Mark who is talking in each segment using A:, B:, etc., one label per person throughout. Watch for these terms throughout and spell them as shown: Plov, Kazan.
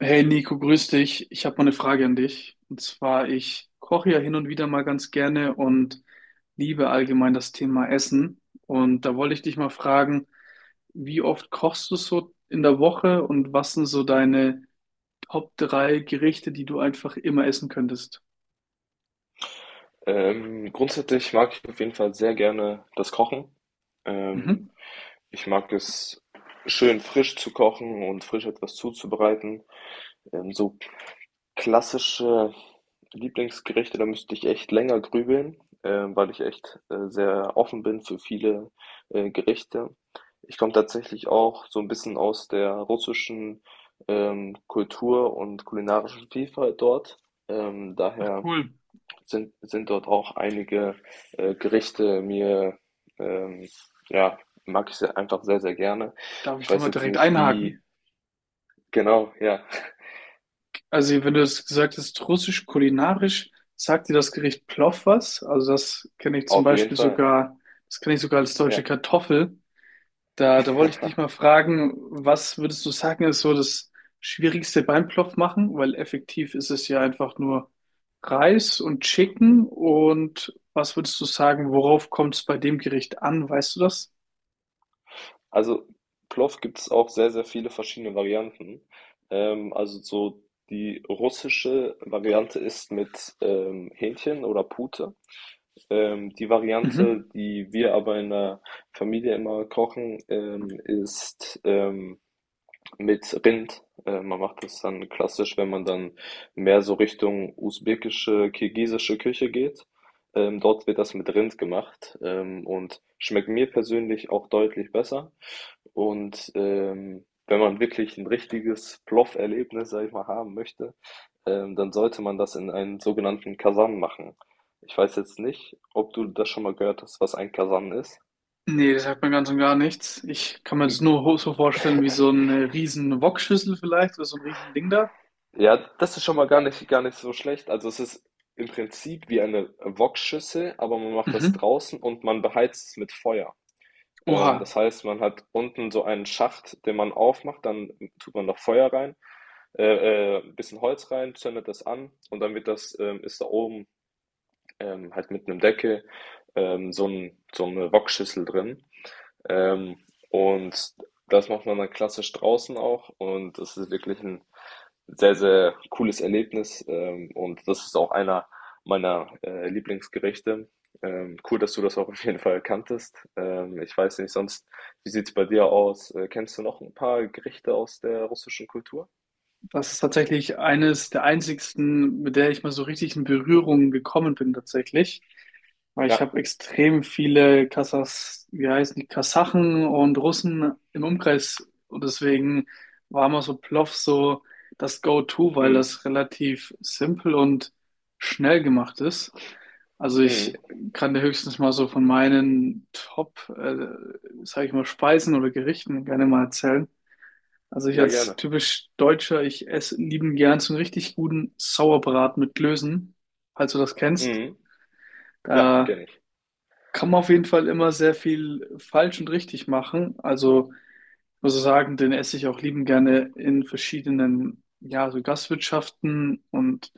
A: Hey Nico, grüß dich. Ich habe mal eine Frage an dich. Und zwar, ich koche ja hin und wieder mal ganz gerne und liebe allgemein das Thema Essen. Und da wollte ich dich mal fragen, wie oft kochst du so in der Woche und was sind so deine Top drei Gerichte, die du einfach immer essen könntest?
B: Grundsätzlich mag ich auf jeden Fall sehr gerne das Kochen. Ähm,
A: Mhm.
B: Ich mag es schön frisch zu kochen und frisch etwas zuzubereiten. So klassische Lieblingsgerichte, da müsste ich echt länger grübeln, weil ich echt sehr offen bin für viele Gerichte. Ich komme tatsächlich auch so ein bisschen aus der russischen Kultur und kulinarischen Vielfalt dort.
A: Ach
B: Daher
A: cool.
B: sind dort auch einige Gerichte mir, ähm, ja, mag ich sehr, einfach sehr, sehr gerne.
A: Darf ich
B: Ich
A: da
B: weiß
A: mal
B: jetzt
A: direkt
B: nicht wie,
A: einhaken?
B: genau, ja,
A: Also, wenn du es gesagt hast, russisch kulinarisch, sagt dir das Gericht Plov was? Also, das kenne ich zum
B: auf jeden
A: Beispiel
B: Fall,
A: sogar, das kenne ich sogar als deutsche
B: ja.
A: Kartoffel. Da wollte ich dich mal fragen, was würdest du sagen, ist so das Schwierigste beim Plov machen? Weil effektiv ist es ja einfach nur Reis und Chicken. Und was würdest du sagen, worauf kommt es bei dem Gericht an? Weißt du das?
B: Also Plov gibt es auch sehr, sehr viele verschiedene Varianten. Also so die russische Variante ist mit Hähnchen oder Pute. Die
A: Mhm.
B: Variante, die wir aber in der Familie immer kochen, ist mit Rind. Man macht das dann klassisch, wenn man dann mehr so Richtung usbekische, kirgisische Küche geht. Dort wird das mit Rind gemacht und schmeckt mir persönlich auch deutlich besser. Und wenn man wirklich ein richtiges Ploff-Erlebnis, sag ich mal, haben möchte, dann sollte man das in einen sogenannten Kasan machen. Ich weiß jetzt nicht, ob du das schon mal gehört hast, was ein Kasan ist.
A: Nee, das sagt mir ganz und gar nichts. Ich kann mir das nur so vorstellen wie so eine riesen Wokschüssel vielleicht oder so ein riesen Ding da.
B: Ja, das ist schon mal gar nicht so schlecht. Also es ist im Prinzip wie eine Wokschüssel, aber man macht das
A: Mhm.
B: draußen und man beheizt es mit Feuer.
A: Oha.
B: Das heißt, man hat unten so einen Schacht, den man aufmacht, dann tut man noch Feuer rein, ein bisschen Holz rein, zündet das an und dann wird das, ist da oben halt mit einem Deckel so eine Wokschüssel drin. Ähm, und das macht man dann klassisch draußen auch und das ist wirklich ein sehr, sehr cooles Erlebnis, und das ist auch einer meiner, Lieblingsgerichte. Cool, dass du das auch auf jeden Fall kanntest. Ich weiß nicht sonst, wie sieht's bei dir aus? Kennst du noch ein paar Gerichte aus der russischen Kultur?
A: Das ist tatsächlich eines der einzigsten, mit der ich mal so richtig in Berührung gekommen bin tatsächlich. Weil ich
B: Ja.
A: habe extrem viele Kasachs, wie heißen die, Kasachen und Russen im Umkreis. Und deswegen war immer so Plov so das Go-To, weil
B: Mhm.
A: das relativ simpel und schnell gemacht ist. Also ich
B: Mhm.
A: kann dir höchstens mal so von meinen Top, sag ich mal, Speisen oder Gerichten gerne mal erzählen. Also ich
B: Ja,
A: als
B: gerne.
A: typisch Deutscher, ich esse lieben gern so einen richtig guten Sauerbraten mit Klößen, falls du das kennst.
B: Mhm. Ja,
A: Da
B: kenne ich.
A: kann man auf jeden Fall immer sehr viel falsch und richtig machen. Also ich muss sagen, den esse ich auch lieben gerne in verschiedenen, ja, so Gastwirtschaften und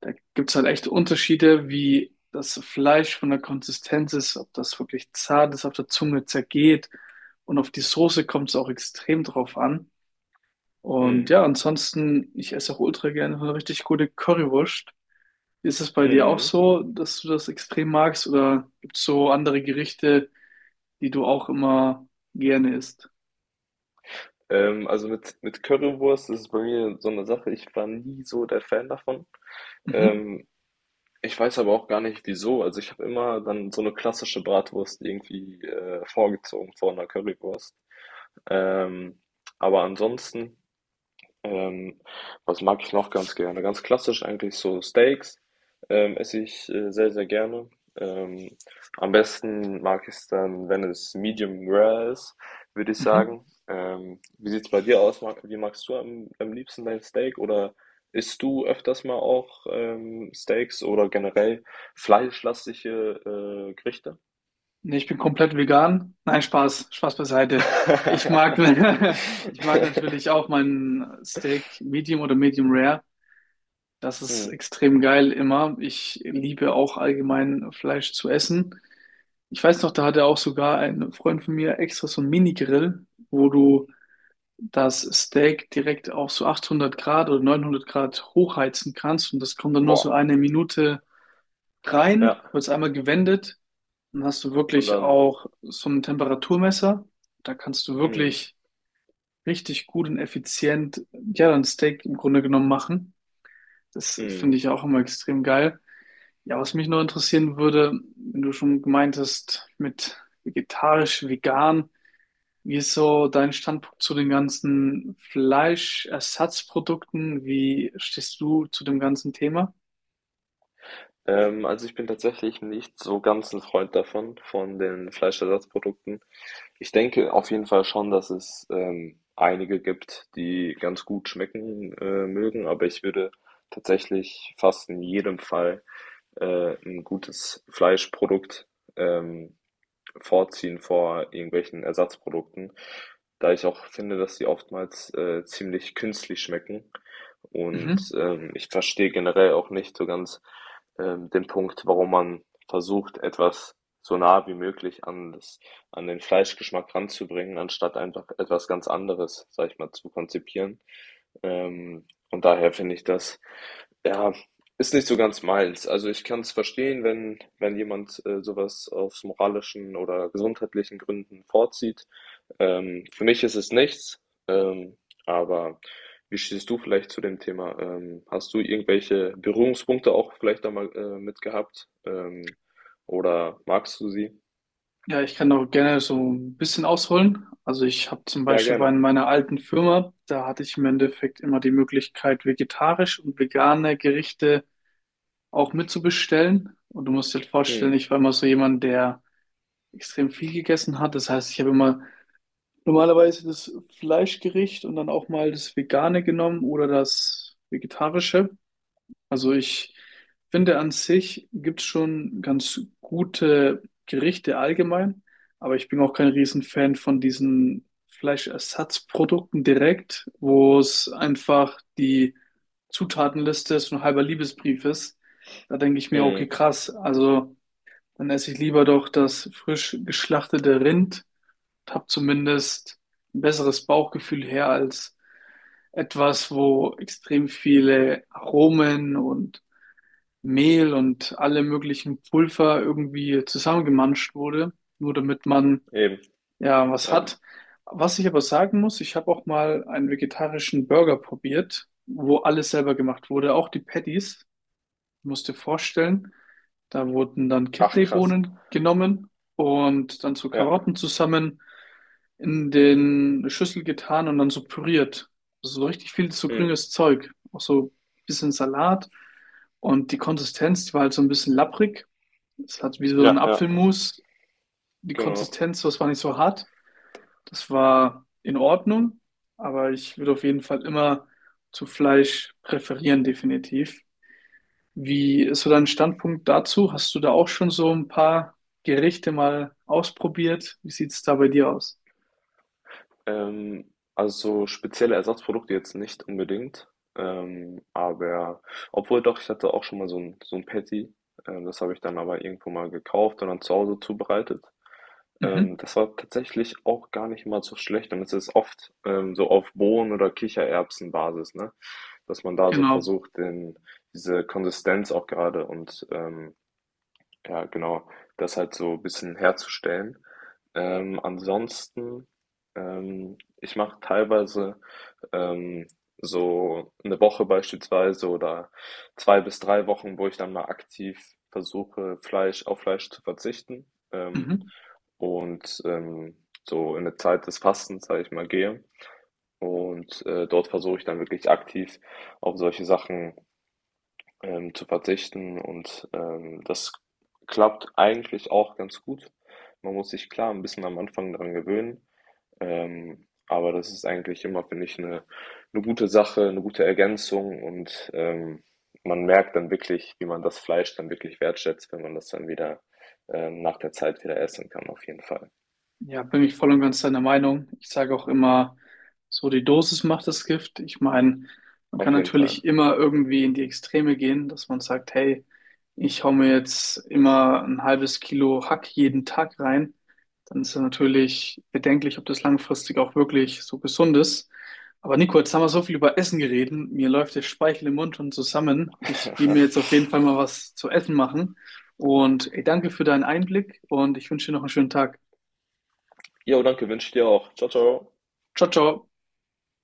A: da gibt's halt echt Unterschiede, wie das Fleisch von der Konsistenz ist, ob das wirklich zart ist, auf der Zunge zergeht und auf die Soße kommt es auch extrem drauf an. Und
B: Mhm.
A: ja, ansonsten, ich esse auch ultra gerne eine richtig gute Currywurst. Ist es bei dir auch
B: Mhm.
A: so, dass du das extrem magst oder gibt es so andere Gerichte, die du auch immer gerne isst?
B: Also mit Currywurst ist es bei mir so eine Sache, ich war nie so der Fan davon.
A: Mhm.
B: Ähm, Ich weiß aber auch gar nicht wieso. Also ich habe immer dann so eine klassische Bratwurst irgendwie, vorgezogen vor einer Currywurst. Ähm, aber ansonsten ähm, was mag ich noch ganz gerne? Ganz klassisch eigentlich so Steaks esse ich sehr, sehr gerne. Ähm, am besten mag ich es dann, wenn es medium rare ist, würde ich
A: Mhm.
B: sagen. Wie sieht es bei dir aus? Mag, wie magst du am, am liebsten dein Steak? Oder isst du öfters mal auch Steaks oder generell fleischlastige Gerichte?
A: Nee, ich bin komplett vegan. Nein, Spaß, Spaß beiseite. Ich mag, ich mag natürlich auch mein Steak Medium oder Medium Rare. Das ist
B: Mhm.
A: extrem geil immer. Ich liebe auch allgemein Fleisch zu essen. Ich weiß noch, da hatte auch sogar ein Freund von mir extra so ein Mini-Grill, wo du das Steak direkt auf so 800 Grad oder 900 Grad hochheizen kannst und das kommt dann nur so
B: Boah,
A: eine Minute rein,
B: ja.
A: wird es einmal gewendet. Dann hast du
B: Und
A: wirklich
B: dann.
A: auch so ein Temperaturmesser. Da kannst du
B: Mhm.
A: wirklich richtig gut und effizient, ja, ein Steak im Grunde genommen machen. Das
B: Mhm.
A: finde ich auch immer extrem geil. Ja, was mich noch interessieren würde, wenn du schon gemeint hast, mit vegetarisch, vegan, wie ist so dein Standpunkt zu den ganzen Fleischersatzprodukten? Wie stehst du zu dem ganzen Thema?
B: Also ich bin tatsächlich nicht so ganz ein Freund davon, von den Fleischersatzprodukten. Ich denke auf jeden Fall schon, dass es einige gibt, die ganz gut schmecken mögen, aber ich würde tatsächlich fast in jedem Fall ein gutes Fleischprodukt ähm, vorziehen vor irgendwelchen Ersatzprodukten, da ich auch finde, dass sie oftmals ziemlich künstlich schmecken. Und
A: Mhm.
B: ähm, ich verstehe generell auch nicht so ganz den Punkt, warum man versucht, etwas so nah wie möglich an das, an den Fleischgeschmack ranzubringen, anstatt einfach etwas ganz anderes, sag ich mal, zu konzipieren. Und daher finde ich das ja ist nicht so ganz meins. Also ich kann es verstehen, wenn, wenn jemand sowas aus moralischen oder gesundheitlichen Gründen vorzieht. Für mich ist es nichts. Ähm, aber wie stehst du vielleicht zu dem Thema? Hast du irgendwelche Berührungspunkte auch vielleicht da mal mit gehabt? Oder magst du sie?
A: Ja, ich kann auch gerne so ein bisschen ausholen. Also ich habe zum
B: Ja,
A: Beispiel
B: gerne.
A: bei meiner alten Firma, da hatte ich im Endeffekt immer die Möglichkeit, vegetarisch und vegane Gerichte auch mitzubestellen. Und du musst dir vorstellen,
B: Mhm.
A: ich war immer so jemand, der extrem viel gegessen hat. Das heißt, ich habe immer normalerweise das Fleischgericht und dann auch mal das Vegane genommen oder das Vegetarische. Also ich finde an sich gibt es schon ganz gute Gerichte allgemein, aber ich bin auch kein Riesenfan von diesen Fleischersatzprodukten direkt, wo es einfach die Zutatenliste so ein halber Liebesbrief ist. Da denke ich mir, okay,
B: Mhm.
A: krass, also dann esse ich lieber doch das frisch geschlachtete Rind und habe zumindest ein besseres Bauchgefühl her als etwas, wo extrem viele Aromen und Mehl und alle möglichen Pulver irgendwie zusammengemanscht wurde, nur damit man
B: Eben.
A: ja was
B: Ja.
A: hat. Was ich aber sagen muss, ich habe auch mal einen vegetarischen Burger probiert, wo alles selber gemacht wurde, auch die Patties. Du musst dir vorstellen, da wurden dann
B: Ach, krass.
A: Kidneybohnen genommen und dann zu
B: Ja.
A: Karotten zusammen in den Schüssel getan und dann so püriert. Also so richtig viel so
B: Mhm.
A: grünes Zeug. Auch so ein bisschen Salat. Und die Konsistenz, die war halt so ein bisschen lapprig. Es hat wie so ein
B: Ja, ja.
A: Apfelmus. Die
B: Genau.
A: Konsistenz, das war nicht so hart. Das war in Ordnung. Aber ich würde auf jeden Fall immer zu Fleisch präferieren, definitiv. Wie ist so dein Standpunkt dazu? Hast du da auch schon so ein paar Gerichte mal ausprobiert? Wie sieht's da bei dir aus?
B: Ähm, also spezielle Ersatzprodukte jetzt nicht unbedingt. Aber obwohl doch, ich hatte auch schon mal so ein Patty. Das habe ich dann aber irgendwo mal gekauft und dann zu Hause zubereitet.
A: Mhm,
B: Das war tatsächlich auch gar nicht mal so schlecht. Und es ist oft so auf Bohnen- oder Kichererbsenbasis, ne? Dass man da so
A: genau.
B: versucht, den, diese Konsistenz auch gerade und ja, genau. Das halt so ein bisschen herzustellen. Ansonsten, ich mache teilweise ähm, so eine Woche beispielsweise oder zwei bis drei Wochen, wo ich dann mal aktiv versuche, Fleisch auf Fleisch zu verzichten ähm,
A: Mhm.
B: und so in eine Zeit des Fastens, sage ich mal, gehe. Und dort versuche ich dann wirklich aktiv auf solche Sachen zu verzichten und das klappt eigentlich auch ganz gut. Man muss sich klar ein bisschen am Anfang daran gewöhnen, aber das ist eigentlich immer, finde ich, eine gute Sache, eine gute Ergänzung und man merkt dann wirklich, wie man das Fleisch dann wirklich wertschätzt, wenn man das dann wieder nach der Zeit wieder essen kann, auf jeden Fall.
A: Ja, bin ich voll und ganz deiner Meinung. Ich sage auch immer, so die Dosis macht das Gift. Ich meine, man kann
B: Auf jeden Fall.
A: natürlich immer irgendwie in die Extreme gehen, dass man sagt, hey, ich hau mir jetzt immer ein halbes Kilo Hack jeden Tag rein. Dann ist es natürlich bedenklich, ob das langfristig auch wirklich so gesund ist. Aber Nico, jetzt haben wir so viel über Essen geredet. Mir läuft der Speichel im Mund schon zusammen. Ich gehe mir jetzt auf jeden Fall mal was zu essen machen. Und ey, danke für deinen Einblick und ich wünsche dir noch einen schönen Tag.
B: Jo, danke, wünsche ich dir auch. Ciao, ciao.
A: Ciao, ciao.